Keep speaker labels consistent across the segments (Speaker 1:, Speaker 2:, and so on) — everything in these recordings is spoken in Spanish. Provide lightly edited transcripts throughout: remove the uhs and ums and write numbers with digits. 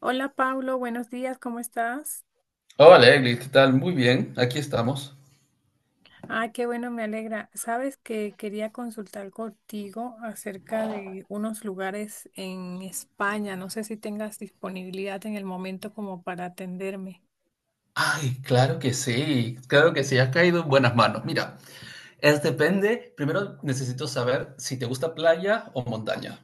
Speaker 1: Hola Pablo, buenos días, ¿cómo estás?
Speaker 2: Hola, Eglis, ¿qué tal? Muy bien, aquí estamos.
Speaker 1: Ah, qué bueno, me alegra. Sabes que quería consultar contigo acerca de unos lugares en España. No sé si tengas disponibilidad en el momento como para atenderme.
Speaker 2: Ay, claro que sí, has caído en buenas manos. Mira, es depende, primero necesito saber si te gusta playa o montaña.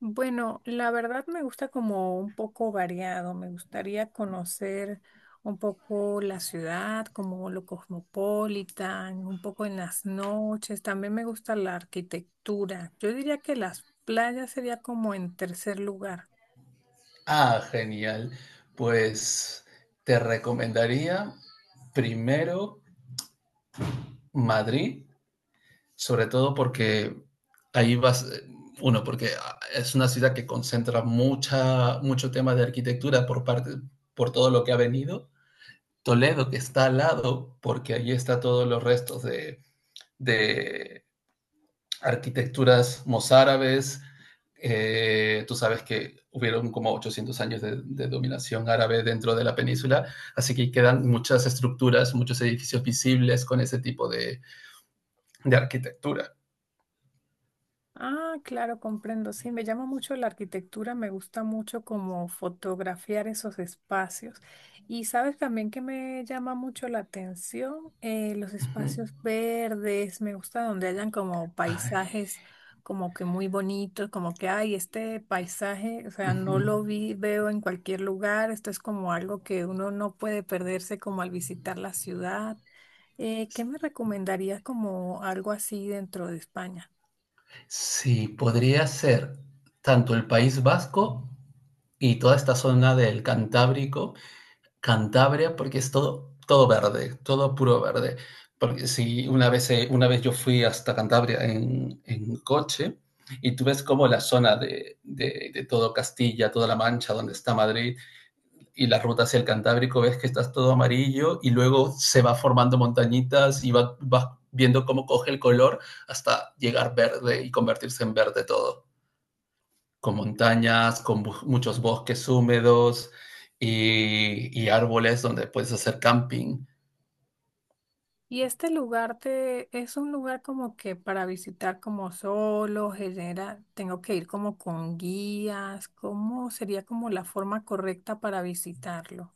Speaker 1: Bueno, la verdad me gusta como un poco variado, me gustaría conocer un poco la ciudad, como lo cosmopolitan, un poco en las noches, también me gusta la arquitectura. Yo diría que las playas sería como en tercer lugar.
Speaker 2: Ah, genial. Pues te recomendaría primero Madrid, sobre todo porque ahí vas, uno, porque es una ciudad que concentra mucho tema de arquitectura por parte, por todo lo que ha venido. Toledo, que está al lado, porque allí está todos los restos de arquitecturas mozárabes. Tú sabes que hubieron como 800 años de dominación árabe dentro de la península, así que quedan muchas estructuras, muchos edificios visibles con ese tipo de arquitectura.
Speaker 1: Ah, claro, comprendo. Sí, me llama mucho la arquitectura, me gusta mucho como fotografiar esos espacios. Y sabes también que me llama mucho la atención. Los
Speaker 2: Uh -huh.
Speaker 1: espacios verdes, me gusta donde hayan como
Speaker 2: Ay.
Speaker 1: paisajes como que muy bonitos, como que, ay, este paisaje, o
Speaker 2: Uh
Speaker 1: sea, no
Speaker 2: -huh.
Speaker 1: lo vi, veo en cualquier lugar, esto es como algo que uno no puede perderse como al visitar la ciudad. ¿Qué me recomendarías como algo así dentro de España?
Speaker 2: Sí, podría ser tanto el País Vasco y toda esta zona del Cantábrico, Cantabria porque es todo, todo verde, todo puro verde. Porque si una vez, una vez yo fui hasta Cantabria en coche y tú ves como la zona de todo Castilla, toda la Mancha, donde está Madrid y la ruta hacia el Cantábrico, ves que estás todo amarillo y luego se va formando montañitas y vas viendo cómo coge el color hasta llegar verde y convertirse en verde todo con montañas, con muchos bosques húmedos y árboles donde puedes hacer camping.
Speaker 1: Y este lugar te, es un lugar como que para visitar como solo, genera, tengo que ir como con guías, ¿cómo sería como la forma correcta para visitarlo?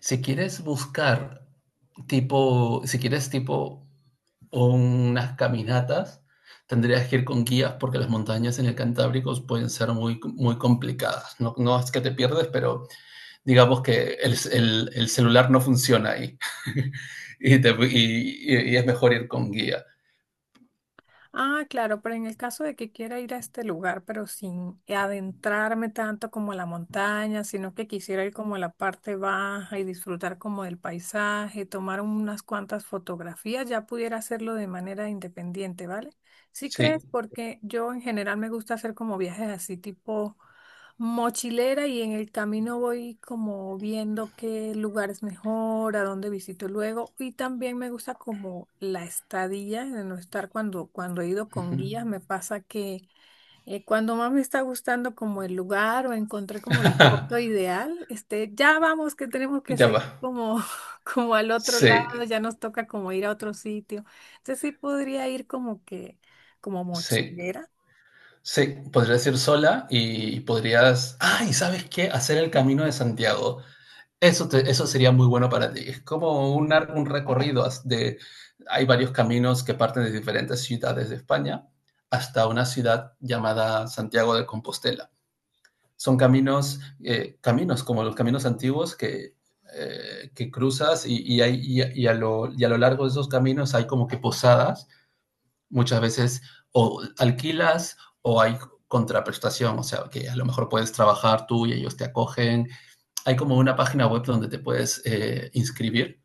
Speaker 2: Si quieres buscar si quieres tipo unas caminatas, tendrías que ir con guías porque las montañas en el Cantábrico pueden ser muy, muy complicadas. No, no es que te pierdes, pero digamos que el celular no funciona ahí y es mejor ir con guía.
Speaker 1: Ah, claro, pero en el caso de que quiera ir a este lugar, pero sin adentrarme tanto como a la montaña, sino que quisiera ir como a la parte baja y disfrutar como del paisaje, tomar unas cuantas fotografías, ya pudiera hacerlo de manera independiente, ¿vale? ¿Sí crees?
Speaker 2: Sí.
Speaker 1: Porque yo en general me gusta hacer como viajes así tipo mochilera y en el camino voy como viendo qué lugar es mejor, a dónde visito luego y también me gusta como la estadía, de no estar cuando, cuando he ido con guías, me pasa que cuando más me está gustando como el lugar o encontré como la foto ideal, este, ya vamos que tenemos que
Speaker 2: Ya va.
Speaker 1: seguir como, como al otro
Speaker 2: Sí,
Speaker 1: lado, ya nos toca como ir a otro sitio. Entonces sí podría ir como que, como
Speaker 2: sí,
Speaker 1: mochilera.
Speaker 2: sí, podrías ir sola y podrías, ay, ¿sabes qué? Hacer el Camino de Santiago. Eso, eso sería muy bueno para ti. Es como un recorrido hay varios caminos que parten de diferentes ciudades de España hasta una ciudad llamada Santiago de Compostela. Son caminos como los caminos antiguos que cruzas y a lo largo de esos caminos hay como que posadas muchas veces o alquilas o hay contraprestación, o sea, que a lo mejor puedes trabajar tú y ellos te acogen. Hay como una página web donde te puedes inscribir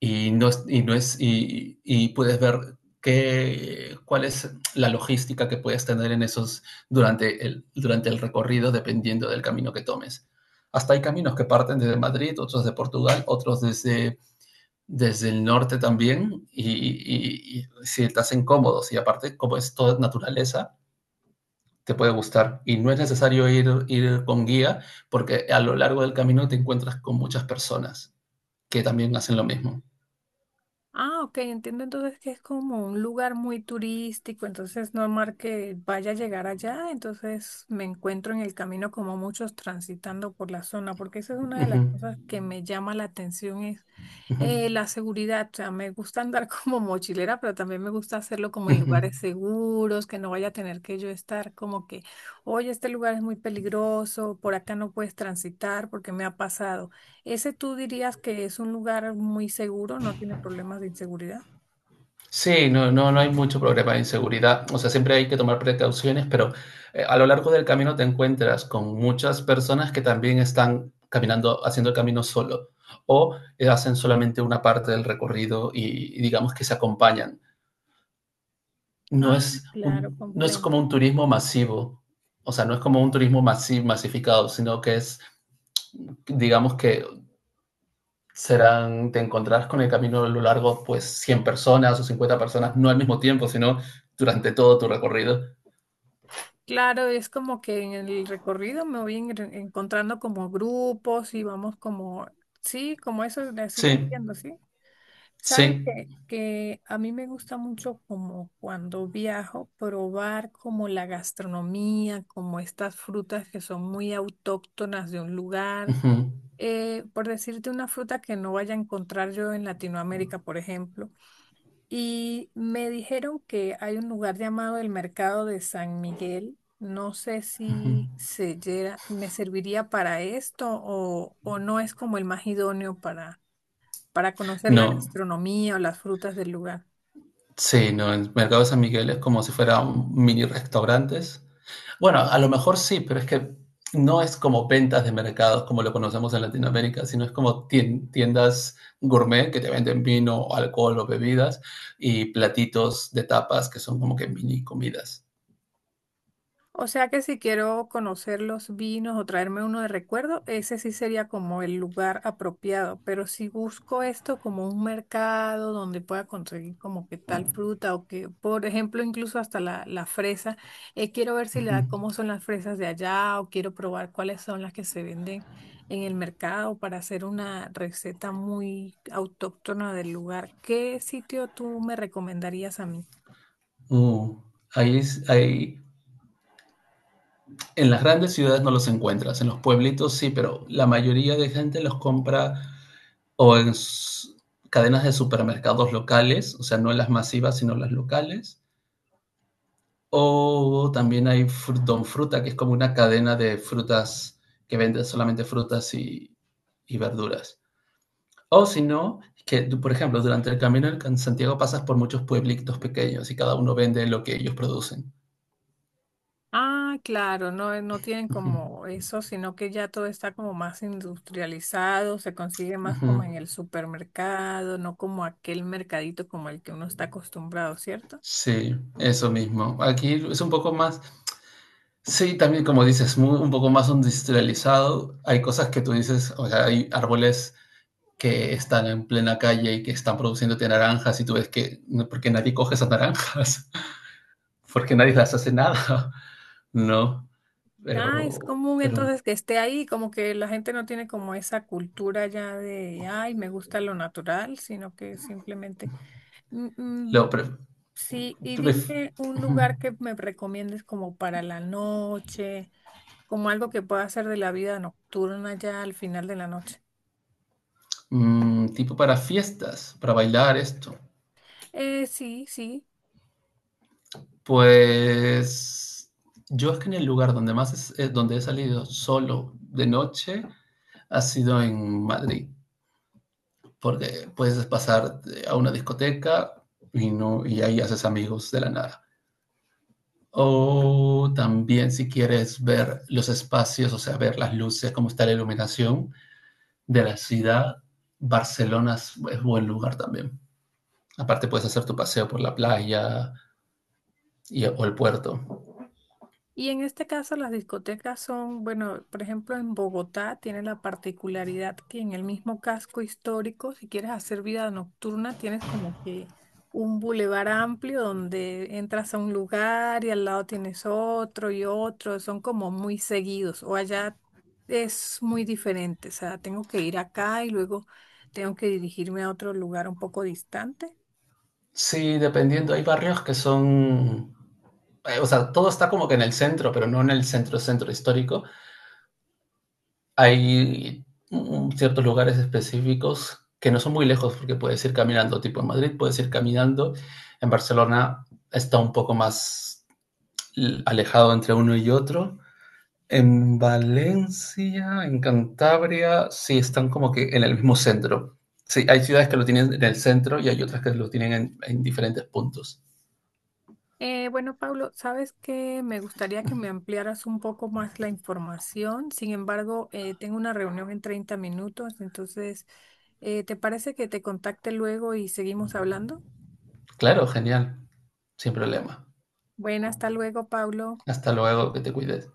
Speaker 2: y, no es, y, no es, y puedes ver cuál es la logística que puedes tener en esos durante el recorrido dependiendo del camino que tomes. Hasta hay caminos que parten desde Madrid, otros de Portugal, otros desde el norte también y si te hacen cómodos y aparte como es toda naturaleza, te puede gustar y no es necesario ir con guía porque a lo largo del camino te encuentras con muchas personas que también hacen lo mismo.
Speaker 1: Ah, ok, entiendo entonces que es como un lugar muy turístico, entonces no es normal que vaya a llegar allá, entonces me encuentro en el camino como muchos transitando por la zona, porque esa es una de
Speaker 2: Uh
Speaker 1: las
Speaker 2: -huh,
Speaker 1: cosas que me llama la atención, es
Speaker 2: uh -huh,
Speaker 1: la seguridad, o sea, me gusta andar como mochilera, pero también me gusta hacerlo como
Speaker 2: uh
Speaker 1: en
Speaker 2: -huh.
Speaker 1: lugares seguros, que no vaya a tener que yo estar como que, oye, este lugar es muy peligroso, por acá no puedes transitar porque me ha pasado. ¿Ese tú dirías que es un lugar muy seguro, no tiene problemas de inseguridad?
Speaker 2: Sí, no, no, no hay mucho problema de inseguridad. O sea, siempre hay que tomar precauciones, pero a lo largo del camino te encuentras con muchas personas que también están caminando, haciendo el camino solo o hacen solamente una parte del recorrido y digamos que se acompañan. No
Speaker 1: Ah,
Speaker 2: es
Speaker 1: claro,
Speaker 2: no es
Speaker 1: comprendo.
Speaker 2: como un turismo masivo, o sea, no es como un turismo masificado, sino que es, digamos que serán, te encontrarás con el camino a lo largo, pues 100 personas o 50 personas, no al mismo tiempo, sino durante todo tu recorrido.
Speaker 1: Claro, es como que en el recorrido me voy encontrando como grupos y vamos como, sí, como eso, así lo
Speaker 2: Sí,
Speaker 1: entiendo, ¿sí? Sabes
Speaker 2: sí.
Speaker 1: que a mí me gusta mucho como cuando viajo probar como la gastronomía, como estas frutas que son muy autóctonas de un lugar.
Speaker 2: Ujú,
Speaker 1: Por decirte una fruta que no vaya a encontrar yo en Latinoamérica, por ejemplo. Y me dijeron que hay un lugar llamado el Mercado de San Miguel. No sé
Speaker 2: ujú.
Speaker 1: si me serviría para esto o no es como el más idóneo para conocer la
Speaker 2: No,
Speaker 1: gastronomía o las frutas del lugar.
Speaker 2: sí, no, el mercado de San Miguel es como si fuera un mini restaurantes. Bueno, a lo mejor sí, pero es que no es como ventas de mercados como lo conocemos en Latinoamérica, sino es como tiendas gourmet que te venden vino, alcohol o bebidas y platitos de tapas que son como que mini comidas.
Speaker 1: O sea que si quiero conocer los vinos o traerme uno de recuerdo, ese sí sería como el lugar apropiado. Pero si busco esto como un mercado donde pueda conseguir como que tal fruta o que, por ejemplo, incluso hasta la fresa, quiero ver si la, cómo son las fresas de allá o quiero probar cuáles son las que se venden en el mercado para hacer una receta muy autóctona del lugar. ¿Qué sitio tú me recomendarías a mí?
Speaker 2: Uh, ahí, es- ahí- en las grandes ciudades no los encuentras, en los pueblitos sí, pero la mayoría de gente los compra o en cadenas de supermercados locales, o sea, no las masivas, sino las locales. O también hay Don Fruta, que es como una cadena de frutas que vende solamente frutas y verduras. O si no, que tú, por ejemplo, durante el camino en Santiago pasas por muchos pueblitos pequeños y cada uno vende lo que ellos producen.
Speaker 1: Ah, claro, no, no tienen
Speaker 2: Ujú,
Speaker 1: como eso, sino que ya todo está como más industrializado, se consigue más
Speaker 2: ujú.
Speaker 1: como en el supermercado, no como aquel mercadito como el que uno está acostumbrado, ¿cierto?
Speaker 2: Sí, eso mismo. Aquí es un poco más, sí, también como dices, un poco más industrializado. Hay cosas que tú dices, o sea, hay árboles que están en plena calle y que están produciéndote naranjas y tú ves que, no, porque nadie coge esas naranjas, porque nadie las hace nada, ¿no?
Speaker 1: Ah, es
Speaker 2: Pero,
Speaker 1: común
Speaker 2: pero,
Speaker 1: entonces que esté ahí, como que la gente no tiene como esa cultura ya de, ay, me gusta lo natural, sino que simplemente, "Mm, mm,
Speaker 2: lo, pre-
Speaker 1: sí, y
Speaker 2: tú. Ujú.
Speaker 1: dime un lugar que me recomiendes como para la noche, como algo que pueda hacer de la vida nocturna ya al final de la noche.
Speaker 2: Mm, tipo para fiestas, para bailar esto.
Speaker 1: Sí, sí.
Speaker 2: Pues yo es que en el lugar donde he salido solo de noche ha sido en Madrid, porque puedes pasar a una discoteca y, no, y ahí haces amigos de la nada. O también si quieres ver los espacios, o sea, ver las luces, cómo está la iluminación de la ciudad, Barcelona es buen lugar también. Aparte puedes hacer tu paseo por la playa o el puerto.
Speaker 1: Y en este caso las discotecas son, bueno, por ejemplo, en Bogotá tiene la particularidad que en el mismo casco histórico, si quieres hacer vida nocturna, tienes como que un bulevar amplio donde entras a un lugar y al lado tienes otro y otro, son como muy seguidos. O allá es muy diferente, o sea, tengo que ir acá y luego tengo que dirigirme a otro lugar un poco distante.
Speaker 2: Sí, dependiendo, hay barrios que son o sea, todo está como que en el centro, pero no en el centro, centro histórico. Hay ciertos lugares específicos que no son muy lejos porque puedes ir caminando, tipo en Madrid puedes ir caminando, en Barcelona está un poco más alejado entre uno y otro. En Valencia, en Cantabria, sí están como que en el mismo centro. Sí, hay ciudades que lo tienen en el centro y hay otras que lo tienen en diferentes puntos.
Speaker 1: Bueno, Pablo, sabes que me gustaría que me ampliaras un poco más la información. Sin embargo, tengo una reunión en 30 minutos, entonces, ¿te parece que te contacte luego y seguimos hablando?
Speaker 2: Claro, genial, sin problema.
Speaker 1: Bueno, hasta luego, Pablo.
Speaker 2: Hasta luego, que te cuides.